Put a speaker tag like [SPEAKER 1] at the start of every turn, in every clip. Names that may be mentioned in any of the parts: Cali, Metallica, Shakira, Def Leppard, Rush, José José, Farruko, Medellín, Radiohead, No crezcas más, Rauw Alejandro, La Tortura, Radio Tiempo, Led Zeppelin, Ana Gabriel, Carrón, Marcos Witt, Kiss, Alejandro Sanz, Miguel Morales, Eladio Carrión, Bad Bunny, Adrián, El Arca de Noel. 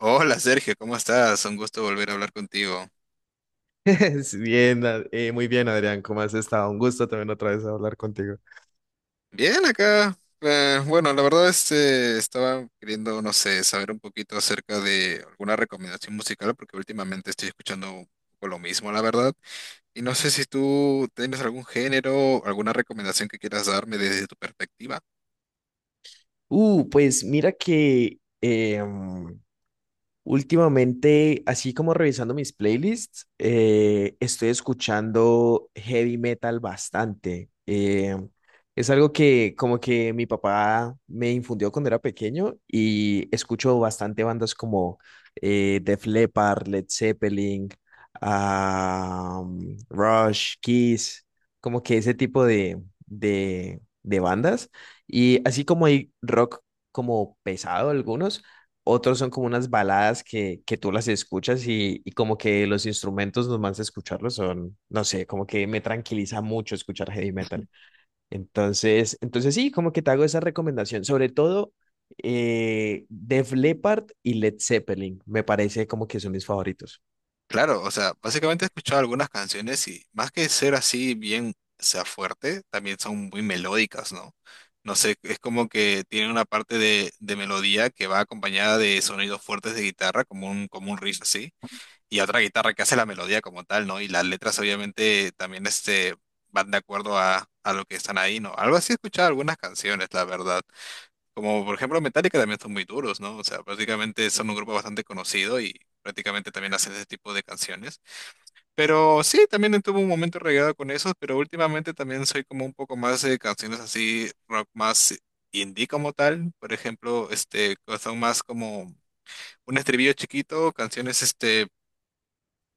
[SPEAKER 1] Hola Sergio, ¿cómo estás? Un gusto volver a hablar contigo.
[SPEAKER 2] Bien, muy bien, Adrián, ¿cómo has estado? Un gusto también otra vez hablar contigo.
[SPEAKER 1] Bien acá. Bueno, la verdad es que estaba queriendo, no sé, saber un poquito acerca de alguna recomendación musical porque últimamente estoy escuchando un poco lo mismo, la verdad. Y no sé si tú tienes algún género, alguna recomendación que quieras darme desde tu perspectiva.
[SPEAKER 2] Pues mira que últimamente, así como revisando mis playlists, estoy escuchando heavy metal bastante. Es algo que como que mi papá me infundió cuando era pequeño y escucho bastante bandas como Def Leppard, Led Zeppelin, ah, Rush, Kiss, como que ese tipo de bandas. Y así como hay rock como pesado algunos. Otros son como unas baladas que tú las escuchas y como que los instrumentos nomás de escucharlos son, no sé, como que me tranquiliza mucho escuchar heavy metal. Entonces sí, como que te hago esa recomendación. Sobre todo Def Leppard y Led Zeppelin, me parece como que son mis favoritos.
[SPEAKER 1] Claro, o sea, básicamente he escuchado algunas canciones y más que ser así bien, o sea, fuerte, también son muy melódicas, ¿no? No sé, es como que tienen una parte de melodía que va acompañada de sonidos fuertes de guitarra, como un riff así, y otra guitarra que hace la melodía como tal, ¿no? Y las letras obviamente también este, van de acuerdo a lo que están ahí, ¿no? Algo así he escuchado algunas canciones, la verdad. Como por ejemplo Metallica también son muy duros, ¿no? O sea, prácticamente son un grupo bastante conocido y prácticamente también hacen ese tipo de canciones. Pero sí, también tuve un momento regado con esos, pero últimamente también soy como un poco más de canciones así, rock más indie como tal. Por ejemplo, este, que son más como un estribillo chiquito, canciones este,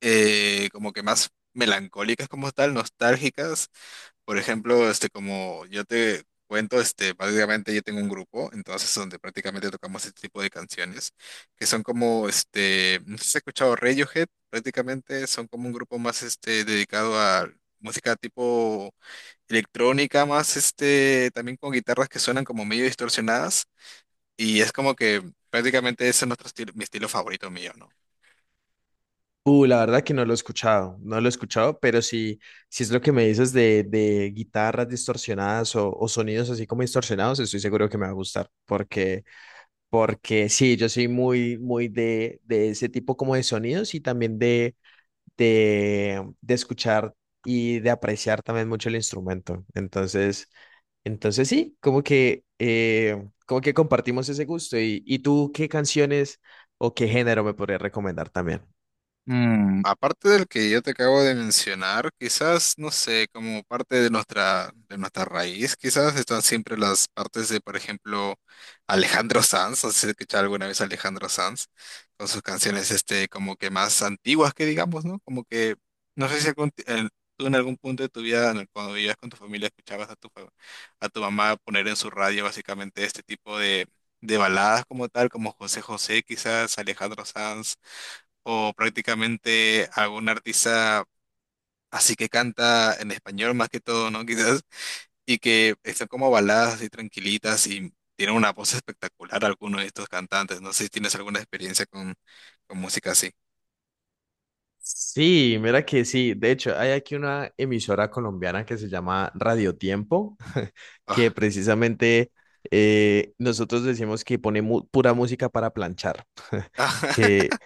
[SPEAKER 1] como que más melancólicas como tal, nostálgicas. Por ejemplo, este, como yo te cuento, este, básicamente yo tengo un grupo, entonces donde prácticamente tocamos este tipo de canciones, que son como, este, no sé si has escuchado Radiohead, prácticamente son como un grupo más, este, dedicado a música tipo electrónica, más, este, también con guitarras que suenan como medio distorsionadas, y es como que prácticamente ese es nuestro estilo, mi estilo favorito mío, ¿no?
[SPEAKER 2] La verdad que no lo he escuchado, no lo he escuchado, pero si es lo que me dices de guitarras distorsionadas o sonidos así como distorsionados, estoy seguro que me va a gustar, porque porque sí, yo soy muy, muy de ese tipo como de sonidos y también de escuchar y de apreciar también mucho el instrumento. Entonces sí, como que compartimos ese gusto. Y tú qué canciones o qué género me podrías recomendar también?
[SPEAKER 1] Aparte del que yo te acabo de mencionar, quizás, no sé, como parte de nuestra raíz, quizás están siempre las partes de, por ejemplo, Alejandro Sanz, no sé si has escuchado alguna vez a Alejandro Sanz, con sus canciones este, como que más antiguas que digamos, ¿no? Como que, no sé si tú en algún punto de tu vida, cuando vivías con tu familia, escuchabas a a tu mamá poner en su radio básicamente este tipo de baladas como tal, como José José, quizás, Alejandro Sanz o prácticamente algún artista así que canta en español más que todo, ¿no? Quizás, y que están como baladas así tranquilitas y tienen una voz espectacular algunos de estos cantantes. No sé si tienes alguna experiencia con música así.
[SPEAKER 2] Sí, mira que sí. De hecho, hay aquí una emisora colombiana que se llama Radio Tiempo, que
[SPEAKER 1] Ah,
[SPEAKER 2] precisamente nosotros decimos que pone pura música para planchar.
[SPEAKER 1] ah,
[SPEAKER 2] Que,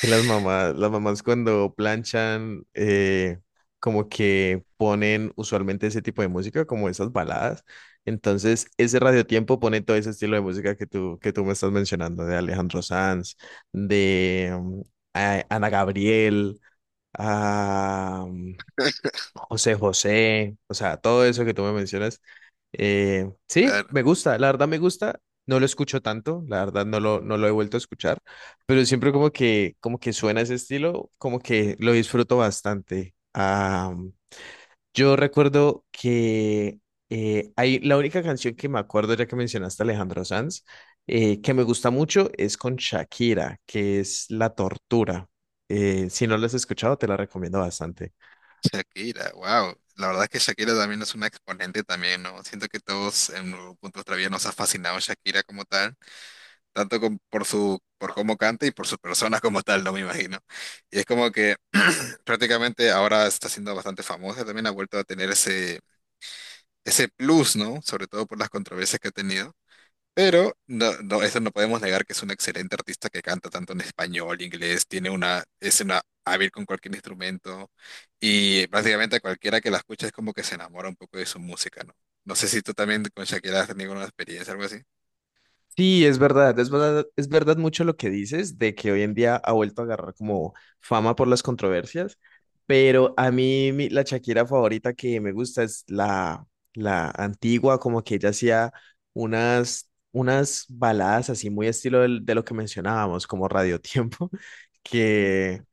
[SPEAKER 2] que las mamás cuando planchan, como que ponen usualmente ese tipo de música, como esas baladas. Entonces, ese Radio Tiempo pone todo ese estilo de música que tú me estás mencionando, de Alejandro Sanz, de Ana Gabriel, a mm, José José, o sea, todo eso que tú me mencionas. Sí,
[SPEAKER 1] claro,
[SPEAKER 2] me gusta, la verdad me gusta. No lo escucho tanto, la verdad no lo, no lo he vuelto a escuchar, pero siempre como que suena ese estilo, como que lo disfruto bastante. Ah, yo recuerdo que hay la única canción que me acuerdo, ya que mencionaste a Alejandro Sanz, que me gusta mucho es con Shakira, que es La Tortura. Si no la has escuchado, te la recomiendo bastante.
[SPEAKER 1] Shakira, wow. La verdad es que Shakira también es una exponente también, ¿no? Siento que todos en algún punto de nuestra vida nos ha fascinado Shakira como tal, por su, por cómo canta y por su persona como tal, no me imagino. Y es como que prácticamente ahora está siendo bastante famosa, también ha vuelto a tener ese, ese plus, ¿no? Sobre todo por las controversias que ha tenido. Pero no, no, eso no podemos negar que es una excelente artista que canta tanto en español, inglés, tiene una, es una hábil con cualquier instrumento y prácticamente cualquiera que la escucha es como que se enamora un poco de su música, ¿no? No sé si tú también con Shakira has tenido una experiencia, algo así.
[SPEAKER 2] Sí, es verdad, es verdad, es verdad mucho lo que dices de que hoy en día ha vuelto a agarrar como fama por las controversias, pero a mí la Shakira favorita que me gusta es la, la antigua, como que ella hacía unas, unas baladas así muy estilo de, lo que mencionábamos, como Radio Tiempo, que,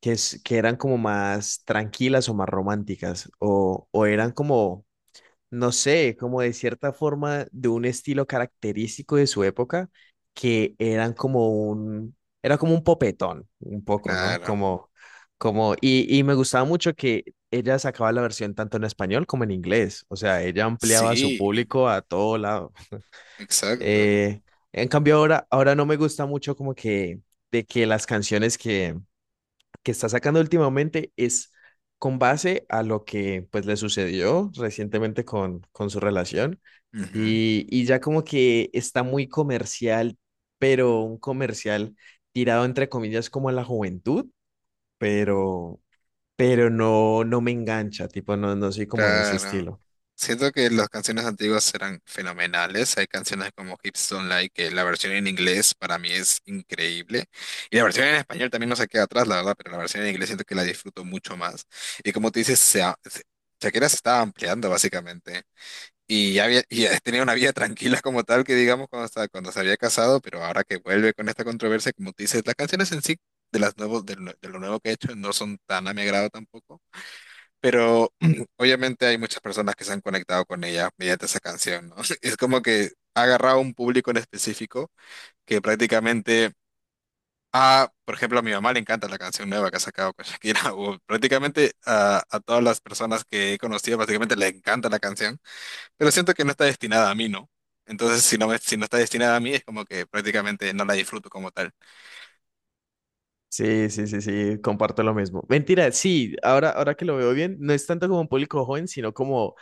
[SPEAKER 2] que eran como más tranquilas o más románticas, o eran como no sé, como de cierta forma de un estilo característico de su época que eran como un, era como un popetón, un poco, ¿no?
[SPEAKER 1] Claro,
[SPEAKER 2] Como, como, y me gustaba mucho que ella sacaba la versión tanto en español como en inglés, o sea, ella ampliaba su
[SPEAKER 1] sí,
[SPEAKER 2] público a todo lado.
[SPEAKER 1] exacto.
[SPEAKER 2] Eh, en cambio ahora, ahora no me gusta mucho como que, de que las canciones que está sacando últimamente es con base a lo que pues le sucedió recientemente con su relación
[SPEAKER 1] Ujú.
[SPEAKER 2] y ya como que está muy comercial, pero un comercial tirado entre comillas como a la juventud, pero, pero no, no me engancha, tipo, no, no soy como de ese
[SPEAKER 1] Claro.
[SPEAKER 2] estilo.
[SPEAKER 1] Siento que las canciones antiguas eran fenomenales. Hay canciones como Hips Don't Lie, que la versión en inglés para mí es increíble. Y la versión en español también no se queda atrás, la verdad, pero la versión en inglés siento que la disfruto mucho más. Y como tú dices, Shakira se estaba ampliando básicamente. Y ya había, y ya tenía una vida tranquila como tal, que digamos, cuando se había casado, pero ahora que vuelve con esta controversia, como tú dices, las canciones en sí de, las nuevos, de lo nuevo que he hecho no son tan a mi agrado tampoco. Pero obviamente hay muchas personas que se han conectado con ella mediante esa canción, ¿no? Es como que ha agarrado un público en específico que prácticamente a, por ejemplo, a mi mamá le encanta la canción nueva que ha sacado con Shakira, o prácticamente a todas las personas que he conocido, básicamente le encanta la canción, pero siento que no está destinada a mí, ¿no? Entonces, si no está destinada a mí, es como que prácticamente no la disfruto como tal.
[SPEAKER 2] Sí, sí, sí, sí, comparto lo mismo. Mentira, sí, ahora, ahora que lo veo bien, no es tanto como un público joven, sino como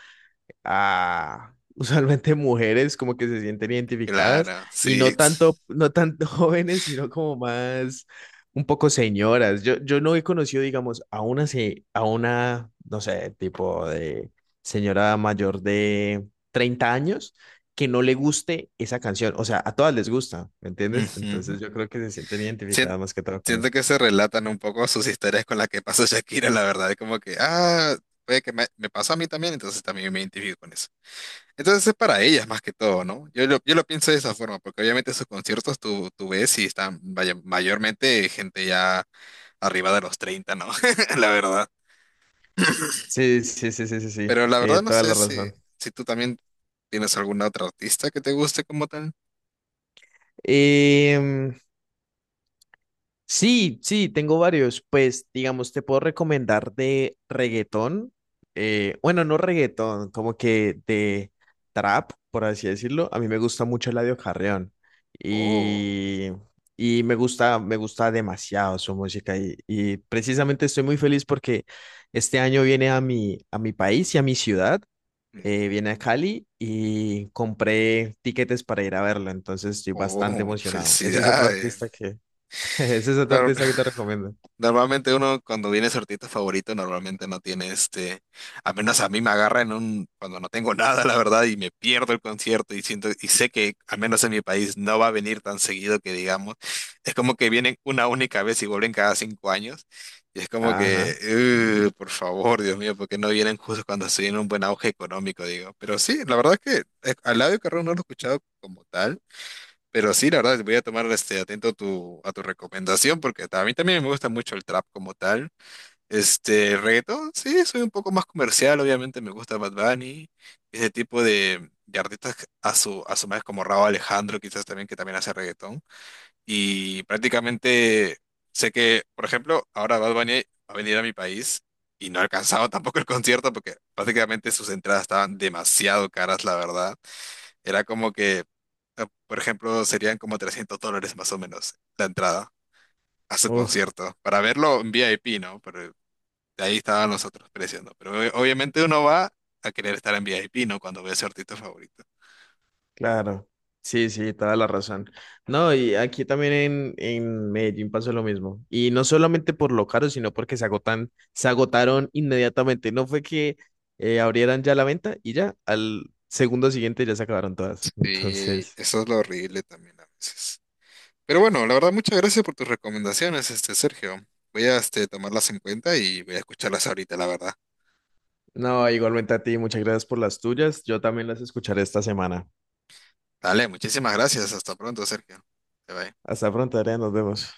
[SPEAKER 2] a usualmente mujeres como que se sienten identificadas
[SPEAKER 1] Claro,
[SPEAKER 2] y
[SPEAKER 1] sí.
[SPEAKER 2] no tanto, no tanto jóvenes, sino como más un poco señoras. Yo no he conocido, digamos, a una, a una, no sé, tipo de señora mayor de 30 años que no le guste esa canción. O sea, a todas les gusta, ¿me entiendes?
[SPEAKER 1] Ujú.
[SPEAKER 2] Entonces yo creo que se sienten
[SPEAKER 1] Sien-
[SPEAKER 2] identificadas más que todo con él.
[SPEAKER 1] Siento que se relatan un poco sus historias con las que pasó Shakira, la verdad. Es como que, ah, puede que me pasó a mí también, entonces también me identifico con eso. Entonces es para ellas más que todo, ¿no? Yo lo pienso de esa forma, porque obviamente sus conciertos tú ves y están mayormente gente ya arriba de los 30, ¿no? La verdad.
[SPEAKER 2] Sí, sí, sí, sí, sí, sí,
[SPEAKER 1] Pero la verdad no
[SPEAKER 2] toda
[SPEAKER 1] sé
[SPEAKER 2] la
[SPEAKER 1] si,
[SPEAKER 2] razón.
[SPEAKER 1] si tú también tienes alguna otra artista que te guste como tal.
[SPEAKER 2] Em, Sí, sí, tengo varios. Pues, digamos, te puedo recomendar de reggaetón. Bueno, no reggaetón, como que de trap, por así decirlo. A mí me gusta mucho Eladio Carrión.
[SPEAKER 1] Oh,
[SPEAKER 2] Y, y me gusta demasiado su música. Y precisamente estoy muy feliz porque este año viene a mi país y a mi ciudad.
[SPEAKER 1] mm,
[SPEAKER 2] Viene a Cali y compré tiquetes para ir a verlo. Entonces estoy bastante
[SPEAKER 1] oh,
[SPEAKER 2] emocionado. Ese es otro artista
[SPEAKER 1] felicidades.
[SPEAKER 2] que ese es otro
[SPEAKER 1] Nor-
[SPEAKER 2] artista que te recomiendo.
[SPEAKER 1] Normalmente uno cuando viene su artista favorito normalmente no tiene este, a menos a mí me agarra en un, cuando no tengo nada, la verdad, y me pierdo el concierto y siento, y sé que al menos en mi país no va a venir tan seguido que digamos, es como que vienen una única vez y vuelven cada 5 años, y es como que,
[SPEAKER 2] Ajá.
[SPEAKER 1] Por favor, Dios mío, porque no vienen justo cuando estoy en un buen auge económico", digo. Pero sí, la verdad es que al lado de Carrón no lo he escuchado como tal. Pero sí, la verdad, voy a tomar este atento tu, a tu recomendación porque a mí también me gusta mucho el trap como tal. Este, el reggaetón, sí, soy un poco más comercial, obviamente me gusta Bad Bunny, ese tipo de artistas que a su vez como Rauw Alejandro, quizás también, que también hace reggaetón. Y prácticamente sé que, por ejemplo, ahora Bad Bunny va a venir a mi país y no ha alcanzado tampoco el concierto porque prácticamente sus entradas estaban demasiado caras, la verdad. Era como que por ejemplo, serían como $300 más o menos la entrada a su
[SPEAKER 2] Uf,
[SPEAKER 1] concierto, para verlo en VIP, ¿no? Pero de ahí estaban los otros precios, ¿no? Pero obviamente uno va a querer estar en VIP, ¿no? Cuando ve a su artista favorito.
[SPEAKER 2] claro. Sí, sí, toda la razón. No, y aquí también en Medellín pasó lo mismo. Y no solamente por lo caro, sino porque se agotan, se agotaron inmediatamente. No fue que abrieran ya la venta y ya, al segundo siguiente ya se acabaron todas.
[SPEAKER 1] Sí,
[SPEAKER 2] Entonces,
[SPEAKER 1] eso es lo horrible también a veces. Pero bueno, la verdad, muchas gracias por tus recomendaciones, este Sergio. Voy a este, tomarlas en cuenta y voy a escucharlas ahorita, la verdad.
[SPEAKER 2] no, igualmente a ti, muchas gracias por las tuyas. Yo también las escucharé esta semana.
[SPEAKER 1] Dale, muchísimas gracias. Hasta pronto, Sergio. Bye bye.
[SPEAKER 2] Hasta pronto, Adrián, nos vemos.